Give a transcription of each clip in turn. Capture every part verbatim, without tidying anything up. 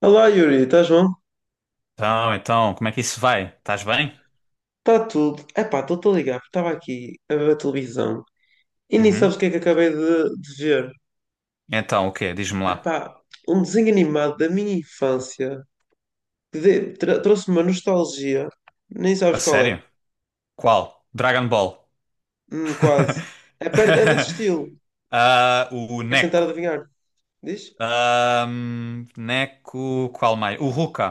Olá Yuri, estás bom? Então, então, como é que isso vai? Estás bem? Está tudo. Epá, estou-te a ligar porque estava aqui a ver a televisão e nem Uhum. sabes o que é que acabei de, de ver. Então, o quê? Diz-me lá. Epá, um desenho animado da minha infância que de- tra- trouxe-me uma nostalgia. Nem A sabes qual é. sério? Qual? Dragon Ball. Hum, quase. É, per- é desse estilo. Ah, o Queres tentar Neko. adivinhar? Diz? Ahm, Neko. Qual mais? O Ruka.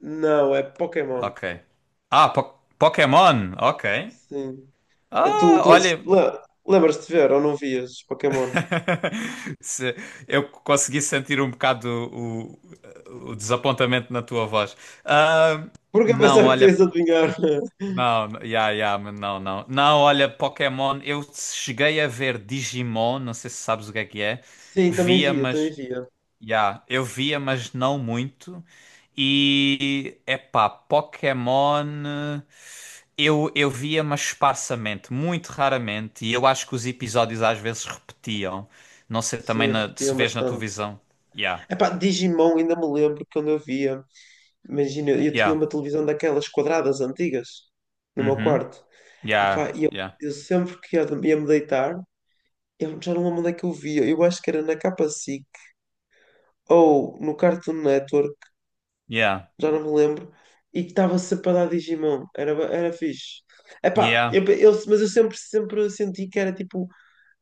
Não, é Pokémon. Ok. Ah, po- Pokémon. Ok. Sim. É tu, Ah, tu assis- olha. le- lembras-te de ver ou não vias Pokémon? Se- Eu consegui sentir um bocado o, o- o desapontamento na tua voz. Ah, Porque eu não, pensava que tu olha. ias adivinhar. Não, yeah, yeah, mas não, não. Não, olha, Pokémon, eu cheguei a ver Digimon, não sei se sabes o que é que é. Sim, também Via, via, também mas, via. yeah, eu via, mas não muito. E, epá, Pokémon, eu, eu via, mas esparsamente, muito raramente. E eu acho que os episódios às vezes repetiam. Não sei também Sim, na- se repetiam vês na bastante. televisão. Yeah, Epá, Digimon ainda me lembro quando eu via. Imagina, eu tinha yeah, uma televisão daquelas quadradas antigas no meu uhum, quarto. yeah, Epá, e eu, yeah, eu sempre que ia, ia me deitar, eu já não lembro onde é que eu via. Eu acho que era na Capa S I C ou no Cartoon Network, yeah, já não me lembro. E que estava sempre a dar Digimon. Era, ba- era fixe. Epá, yeah. eu, eu- mas eu sempre, sempre senti que era tipo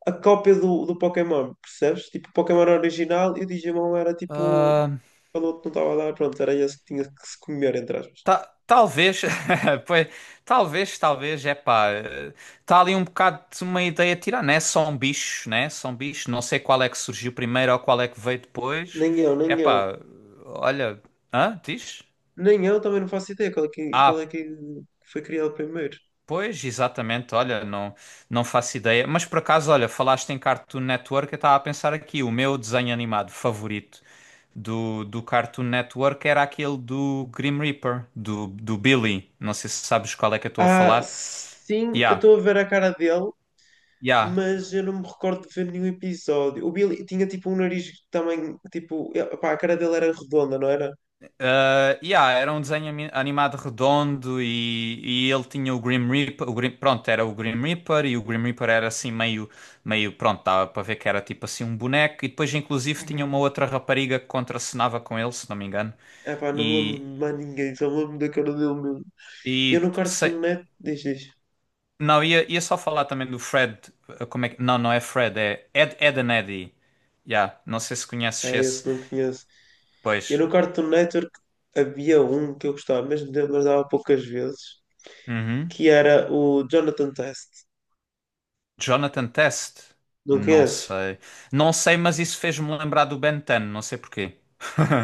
a cópia do, do Pokémon, percebes? Tipo, o Pokémon era original e o Digimon era tipo Ah, quando o outro não estava a dar, pronto, era esse que tinha que se comer, entre aspas. Ta- talvez, pois, talvez, talvez, é pá, está ali um bocado de uma ideia tirar, né? São bichos, né? São bichos, não sei qual é que surgiu primeiro ou qual é que veio depois. Nem eu, É nem eu. pá, olha, hã? Diz? Nem eu também não faço ideia qual é que, qual é Ah, que foi criado primeiro. pois, exatamente, olha, não, não faço ideia. Mas por acaso, olha, falaste em Cartoon Network, eu estava a pensar aqui, o meu desenho animado favorito do, do Cartoon Network era aquele do Grim Reaper, do, do Billy. Não sei se sabes qual é que eu estou a Ah, falar. sim, eu Yeah, estou a ver a cara dele, yeah. mas eu não me recordo de ver nenhum episódio. O Billy tinha tipo um nariz também, tipo, eh, pá, a cara dele era redonda, não era? Uh, yeah, era um desenho ami- animado redondo e, e ele tinha o Grim Reaper, o Grim- pronto, era o Grim Reaper e o Grim Reaper era assim meio, meio, pronto, dava para ver que era tipo assim um boneco e depois inclusive tinha uma Uhum. outra rapariga que contracenava com ele, se não me engano. Ah, pá, não me lembro E, de mais ninguém, só me lembro da cara dele mesmo. Eu e no sei- cartoon net, diz, diz. não, ia, ia só falar também do Fred, uh, como é que, não, não é Fred, é Ed, Ed and Eddy. Yeah, não sei se conheces É, esse, esse não conheço. Eu pois. no Cartoon Network havia um que eu gostava, mesmo de- mas dava poucas vezes, Uhum. que era o Jonathan Test. Jonathan Test? Não Não conheces? sei. Não sei, mas isso fez-me lembrar do Ben dez, não sei porquê.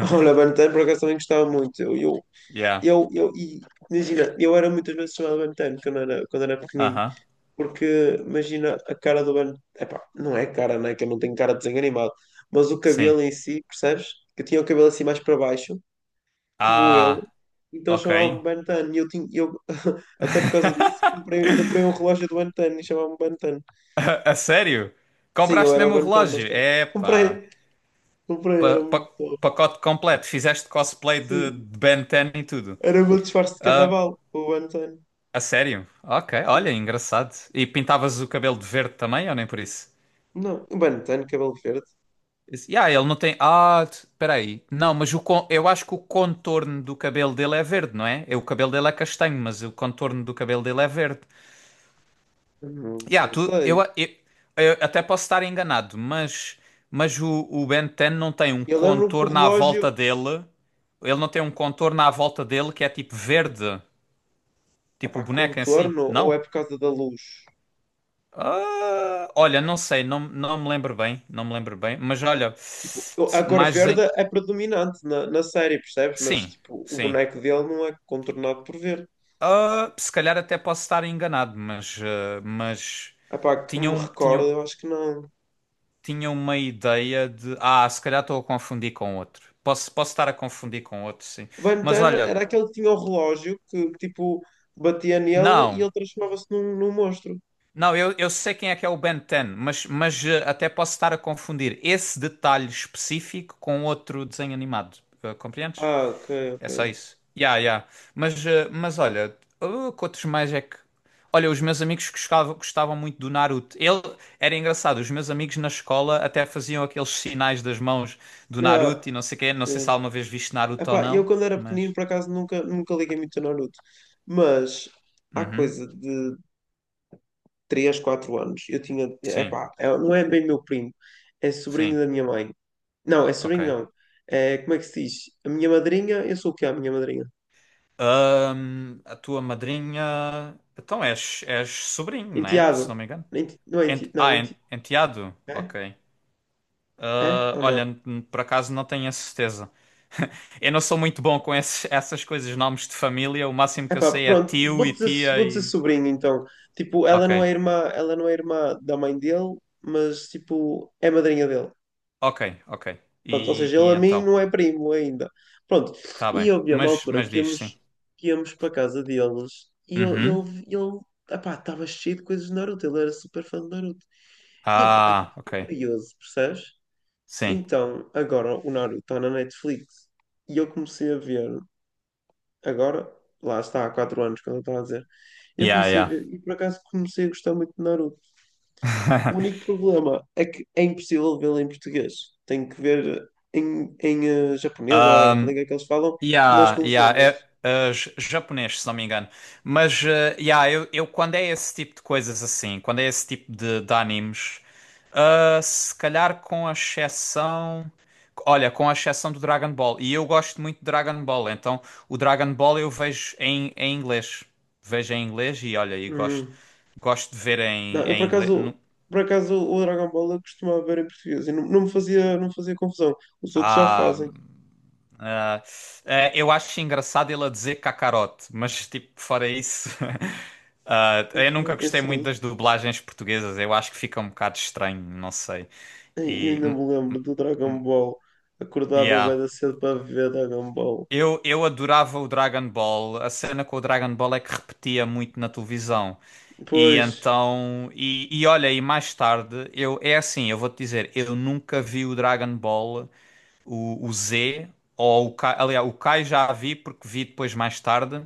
Olha, Ben dez por acaso também gostava muito. Eu, eu, Yeah. eu, eu e, imagina, eu era muitas vezes chamado Ben dez quando era, quando era pequenino, Aham. porque imagina a cara do Ben. Epá, não é cara, né? Que eu não tenho cara de desenho animado, mas o Sim. cabelo em si, percebes? Que eu tinha o cabelo assim mais para baixo como ele, Ah, então ok. chamava-me Ben Tan. E eu tinha, eu, até por causa disso, comprei, comprei um relógio do Ben Tan e chamava-me Ben Tan. A, a sério? Sim, eu Compraste era o mesmo o Ben Tan da relógio? escola. Epá. Comprei, comprei, era Pa, pa, muito top. pacote completo. Fizeste cosplay de, Sim, de Ben dez e tudo. era o meu disfarce de Ah, carnaval, o Ben Tan. a sério? Ok, Sim. olha, engraçado. E pintavas o cabelo de verde também, ou nem por isso? Não, o Ben Tan, cabelo verde, Esse- Yeah, ele não tem. Ah, t- peraí. Não, mas o con- eu acho que o contorno do cabelo dele é verde, não é? É, o cabelo dele é castanho, mas o contorno do cabelo dele é verde. não, Yeah, não tu... eu... sei. Eu... eu até posso estar enganado, mas, mas o... o Ben dez não tem um Eu lembro-me que o contorno à relógio volta dele. Ele não tem um contorno à volta dele que é tipo verde, é tipo para o boneco em si, contorno ou é não? por causa da luz? Ah, olha, não sei, não, não me lembro bem, não me lembro bem, mas olha, Tipo, eu- a cor mais em... verde é predominante na, na série, percebes? Mas Sim, tipo, o sim. boneco dele não é contornado por verde. Ah, se calhar até posso estar enganado, mas, ah, mas Ah pá, que me tinham, tinham, recordo, eu acho que não. tinham uma ideia de. Ah, se calhar estou a confundir com outro. Posso, posso estar a confundir com outro, sim. O Ben Mas dez olha, era aquele que tinha o relógio que, tipo, batia nele e não. ele transformava-se num, num monstro. Não, eu, eu sei quem é que é o Ben dez, mas, mas ah, até posso estar a confundir esse detalhe específico com outro desenho animado. Ah, compreendes? Ah, ok, É só ok. isso. Ya, ya. Mas, eh, mas olha, uh, que outros mais é que. Olha, os meus amigos gostavam, gostavam muito do Naruto. Ele era engraçado, os meus amigos na escola até faziam aqueles sinais das mãos do Ah, Naruto e não sei quê. Não sei se sim. alguma vez viste Naruto ou Ah, eu não, quando era pequenino, mas. por acaso, nunca, nunca liguei muito a Naruto. Mas, há Uhum. coisa de três quatro anos, eu tinha... É Sim, é- não é bem meu primo, é sobrinho sim, da minha mãe. Não, é ok. sobrinho não. É, como é que se diz? A minha madrinha, eu sou o que é a minha madrinha? Ahm, a tua madrinha. Então és, és sobrinho, né? Se não Enteado. me engano. Enti- Não é enti... Ent- Não, Ah, en- enti... Enteado? é? Ok. É Ah, ou olha, não? n- por acaso não tenho a certeza. Eu não sou muito bom com esses- essas coisas, nomes de família. O máximo que eu Epá, sei é pronto, tio vou e dizer, tia vou dizer e. sobrinho então. Tipo, ela Ok, não é irmã, ela não é irmã da mãe dele, mas tipo, é madrinha dele. ok, ok. Pronto, ou E, seja, ele e a mim então? não é primo ainda. Pronto, Tá e bem. eu vi uma Mas, altura mas que diz sim. íamos, que íamos para a casa deles e eu- Uhum. ele, ele, epá, estava cheio de coisas de Naruto, ele era super fã de Naruto. E epá, epá, Ah, ok. fiquei curioso, percebes? Sim. Então, agora o Naruto está na Netflix e eu comecei a ver agora, lá está, há quatro anos, quando eu estava a dizer. Eu comecei a Yeah, ver e por acaso comecei a gostar muito de Naruto. O yeah. único problema é que é impossível vê-lo em português. Tenho que ver em, em eh, japonês ou a língua que eles falam, mas Yeah, com yeah, legendas. é, é j- japonês, se não me engano. Mas, eh, yeah, eu, eu quando é esse tipo de coisas assim, quando é esse tipo de, de animes, ah, se calhar com a exceção. Olha, com a exceção do Dragon Ball. E eu gosto muito de Dragon Ball, então o Dragon Ball eu vejo em, em inglês. Vejo em inglês e olha, e gosto, Hum. gosto de ver Não, em, eu por em inglês. acaso, Nu- por acaso o Dragon Ball eu costumava ver em português e não, não me fazia, não me fazia confusão. Os outros já Ah. fazem. Ah, ah, eu acho engraçado ele a dizer cacarote, mas tipo, fora isso, ah, eu nunca Uhum, eu gostei muito sim. das dublagens portuguesas, eu acho que fica um bocado estranho, não sei. Ei, eu E, ainda hum, me lembro do Dragon Ball. Acordava yeah. bem cedo para ver Dragon Ball. Eu, eu adorava o Dragon Ball, a cena com o Dragon Ball é que repetia muito na televisão. E Pois. então, e, e olha, e mais tarde, eu, é assim, eu vou-te dizer, eu nunca vi o Dragon Ball, o, o Z, ou o Kai, aliás, o Kai já a vi porque vi depois mais tarde.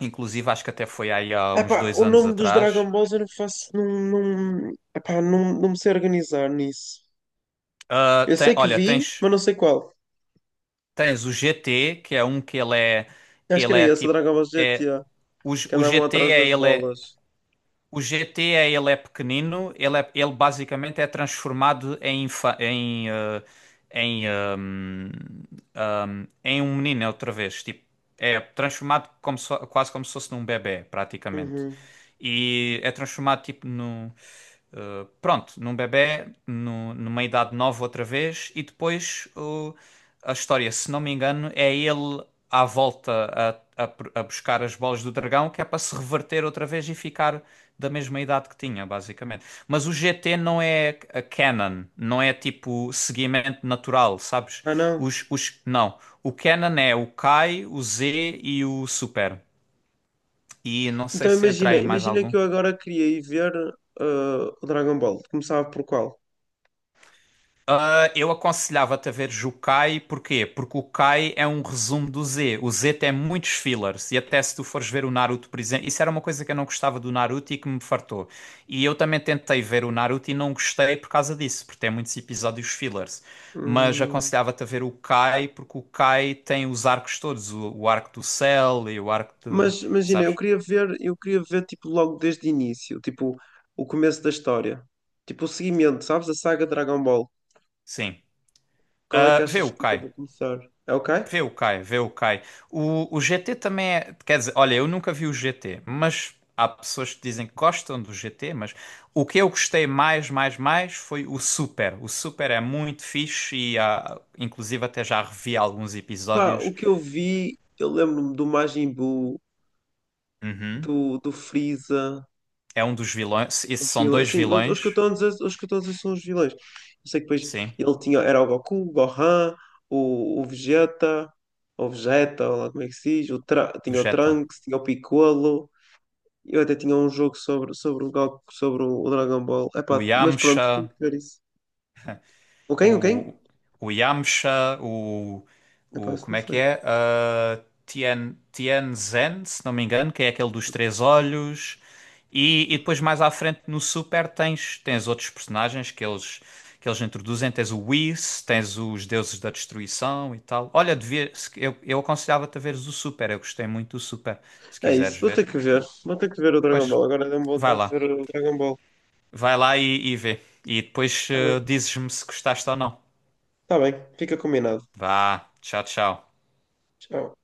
Inclusive, acho que até foi aí há uns Epá, dois o anos nome dos Dragon atrás. Balls eu não faço. Não, não, epá, não, não me sei organizar nisso. Ah, Eu tem- sei que olha, vi, tens, mas não sei qual. tens o G T, que é um que ele é, Acho que ele era é esse, o tipo, Dragon Ball é, G T A, o, G- que o andavam G T atrás é, das ele é, bolas. o G T é, ele é pequenino, ele, é, ele basicamente é transformado em, infa- em, ah, em, ahm, ahm, em um menino outra vez, tipo, é transformado como se fo- quase como se fosse num bebé, praticamente. Uhum. E é transformado tipo num. Uh, pronto, num bebé, no- numa idade nova outra vez, e depois uh, a história, se não me engano, é ele à volta a, a, pr- a buscar as bolas do dragão, que é para se reverter outra vez e ficar da mesma idade que tinha, basicamente. Mas o G T não é a canon, não é tipo seguimento natural, sabes? Ah, não. Os, os, não, o canon é o Kai, o Z e o Super. E não sei Então se entra imagina, aí mais imagina algum. que eu agora queria ir ver ah, o Dragon Ball. Começava por qual? Eu aconselhava-te a veres o Kai, porquê? Porque o Kai é um resumo do Z. O Z tem muitos fillers, e até se tu fores ver o Naruto, por exemplo, isso era uma coisa que eu não gostava do Naruto e que me fartou. E eu também tentei ver o Naruto e não gostei por causa disso, porque tem muitos episódios fillers. Mas Hum, aconselhava-te a ver o Kai, porque o Kai tem os arcos todos, o, o arco do Cell e o arco do. mas imagina, eu Sabes? queria ver, eu queria ver tipo logo desde o início, tipo o começo da história. Tipo o seguimento, sabes? A saga Dragon Ball. Sim. Qual é Ah, que vê achas o que eu Kai. devo começar? É ok? Vê o Kai, vê o Kai. O, o G T também é. Quer dizer, olha, eu nunca vi o G T, mas há pessoas que dizem que gostam do G T, mas o que eu gostei mais, mais, mais foi o Super. O Super é muito fixe e há, inclusive até já revi alguns Pá, o episódios. que eu vi, eu lembro-me do Majin Buu, Uhum. do, do Freeza, É um dos vilões. Esses os são vilões. dois Sim, os, os que eu vilões. estou a dizer, os que eu estou a dizer são os vilões. Eu sei que depois Sim, ele tinha, era o Goku, o Gohan, o, o Vegeta, ou Vegeta, ou lá como é que se diz, o Tra- tinha o Vegeta. Trunks, tinha o Piccolo. Eu até tinha um jogo sobre, sobre o Goku, sobre o, o Dragon Ball. O Epá, mas pronto, tenho Yamcha. que ver isso. O quem? O quem? O, o Yamcha, o, Epá, o. isso não Como é que sei. é? Ah, Tien, Tianzhen, se não me engano, que é aquele dos três olhos. E, e depois mais à frente no Super tens, tens outros personagens que eles, que eles introduzem. Tens o Whis, tens os Deuses da Destruição e tal. Olha, devia, se- eu, eu aconselhava-te a veres o Super. Eu gostei muito do Super, se É quiseres isso, vou ter ver. que ver. Vou ter que ver o Dragon Pois, Ball. Agora deu-me vai vontade de lá. ver o Dragon Ball. Vai lá e, e vê. E depois Tá eh, bem, dizes-me se gostaste ou não. tá bem, fica combinado. Vá, tchau, tchau. Tchau.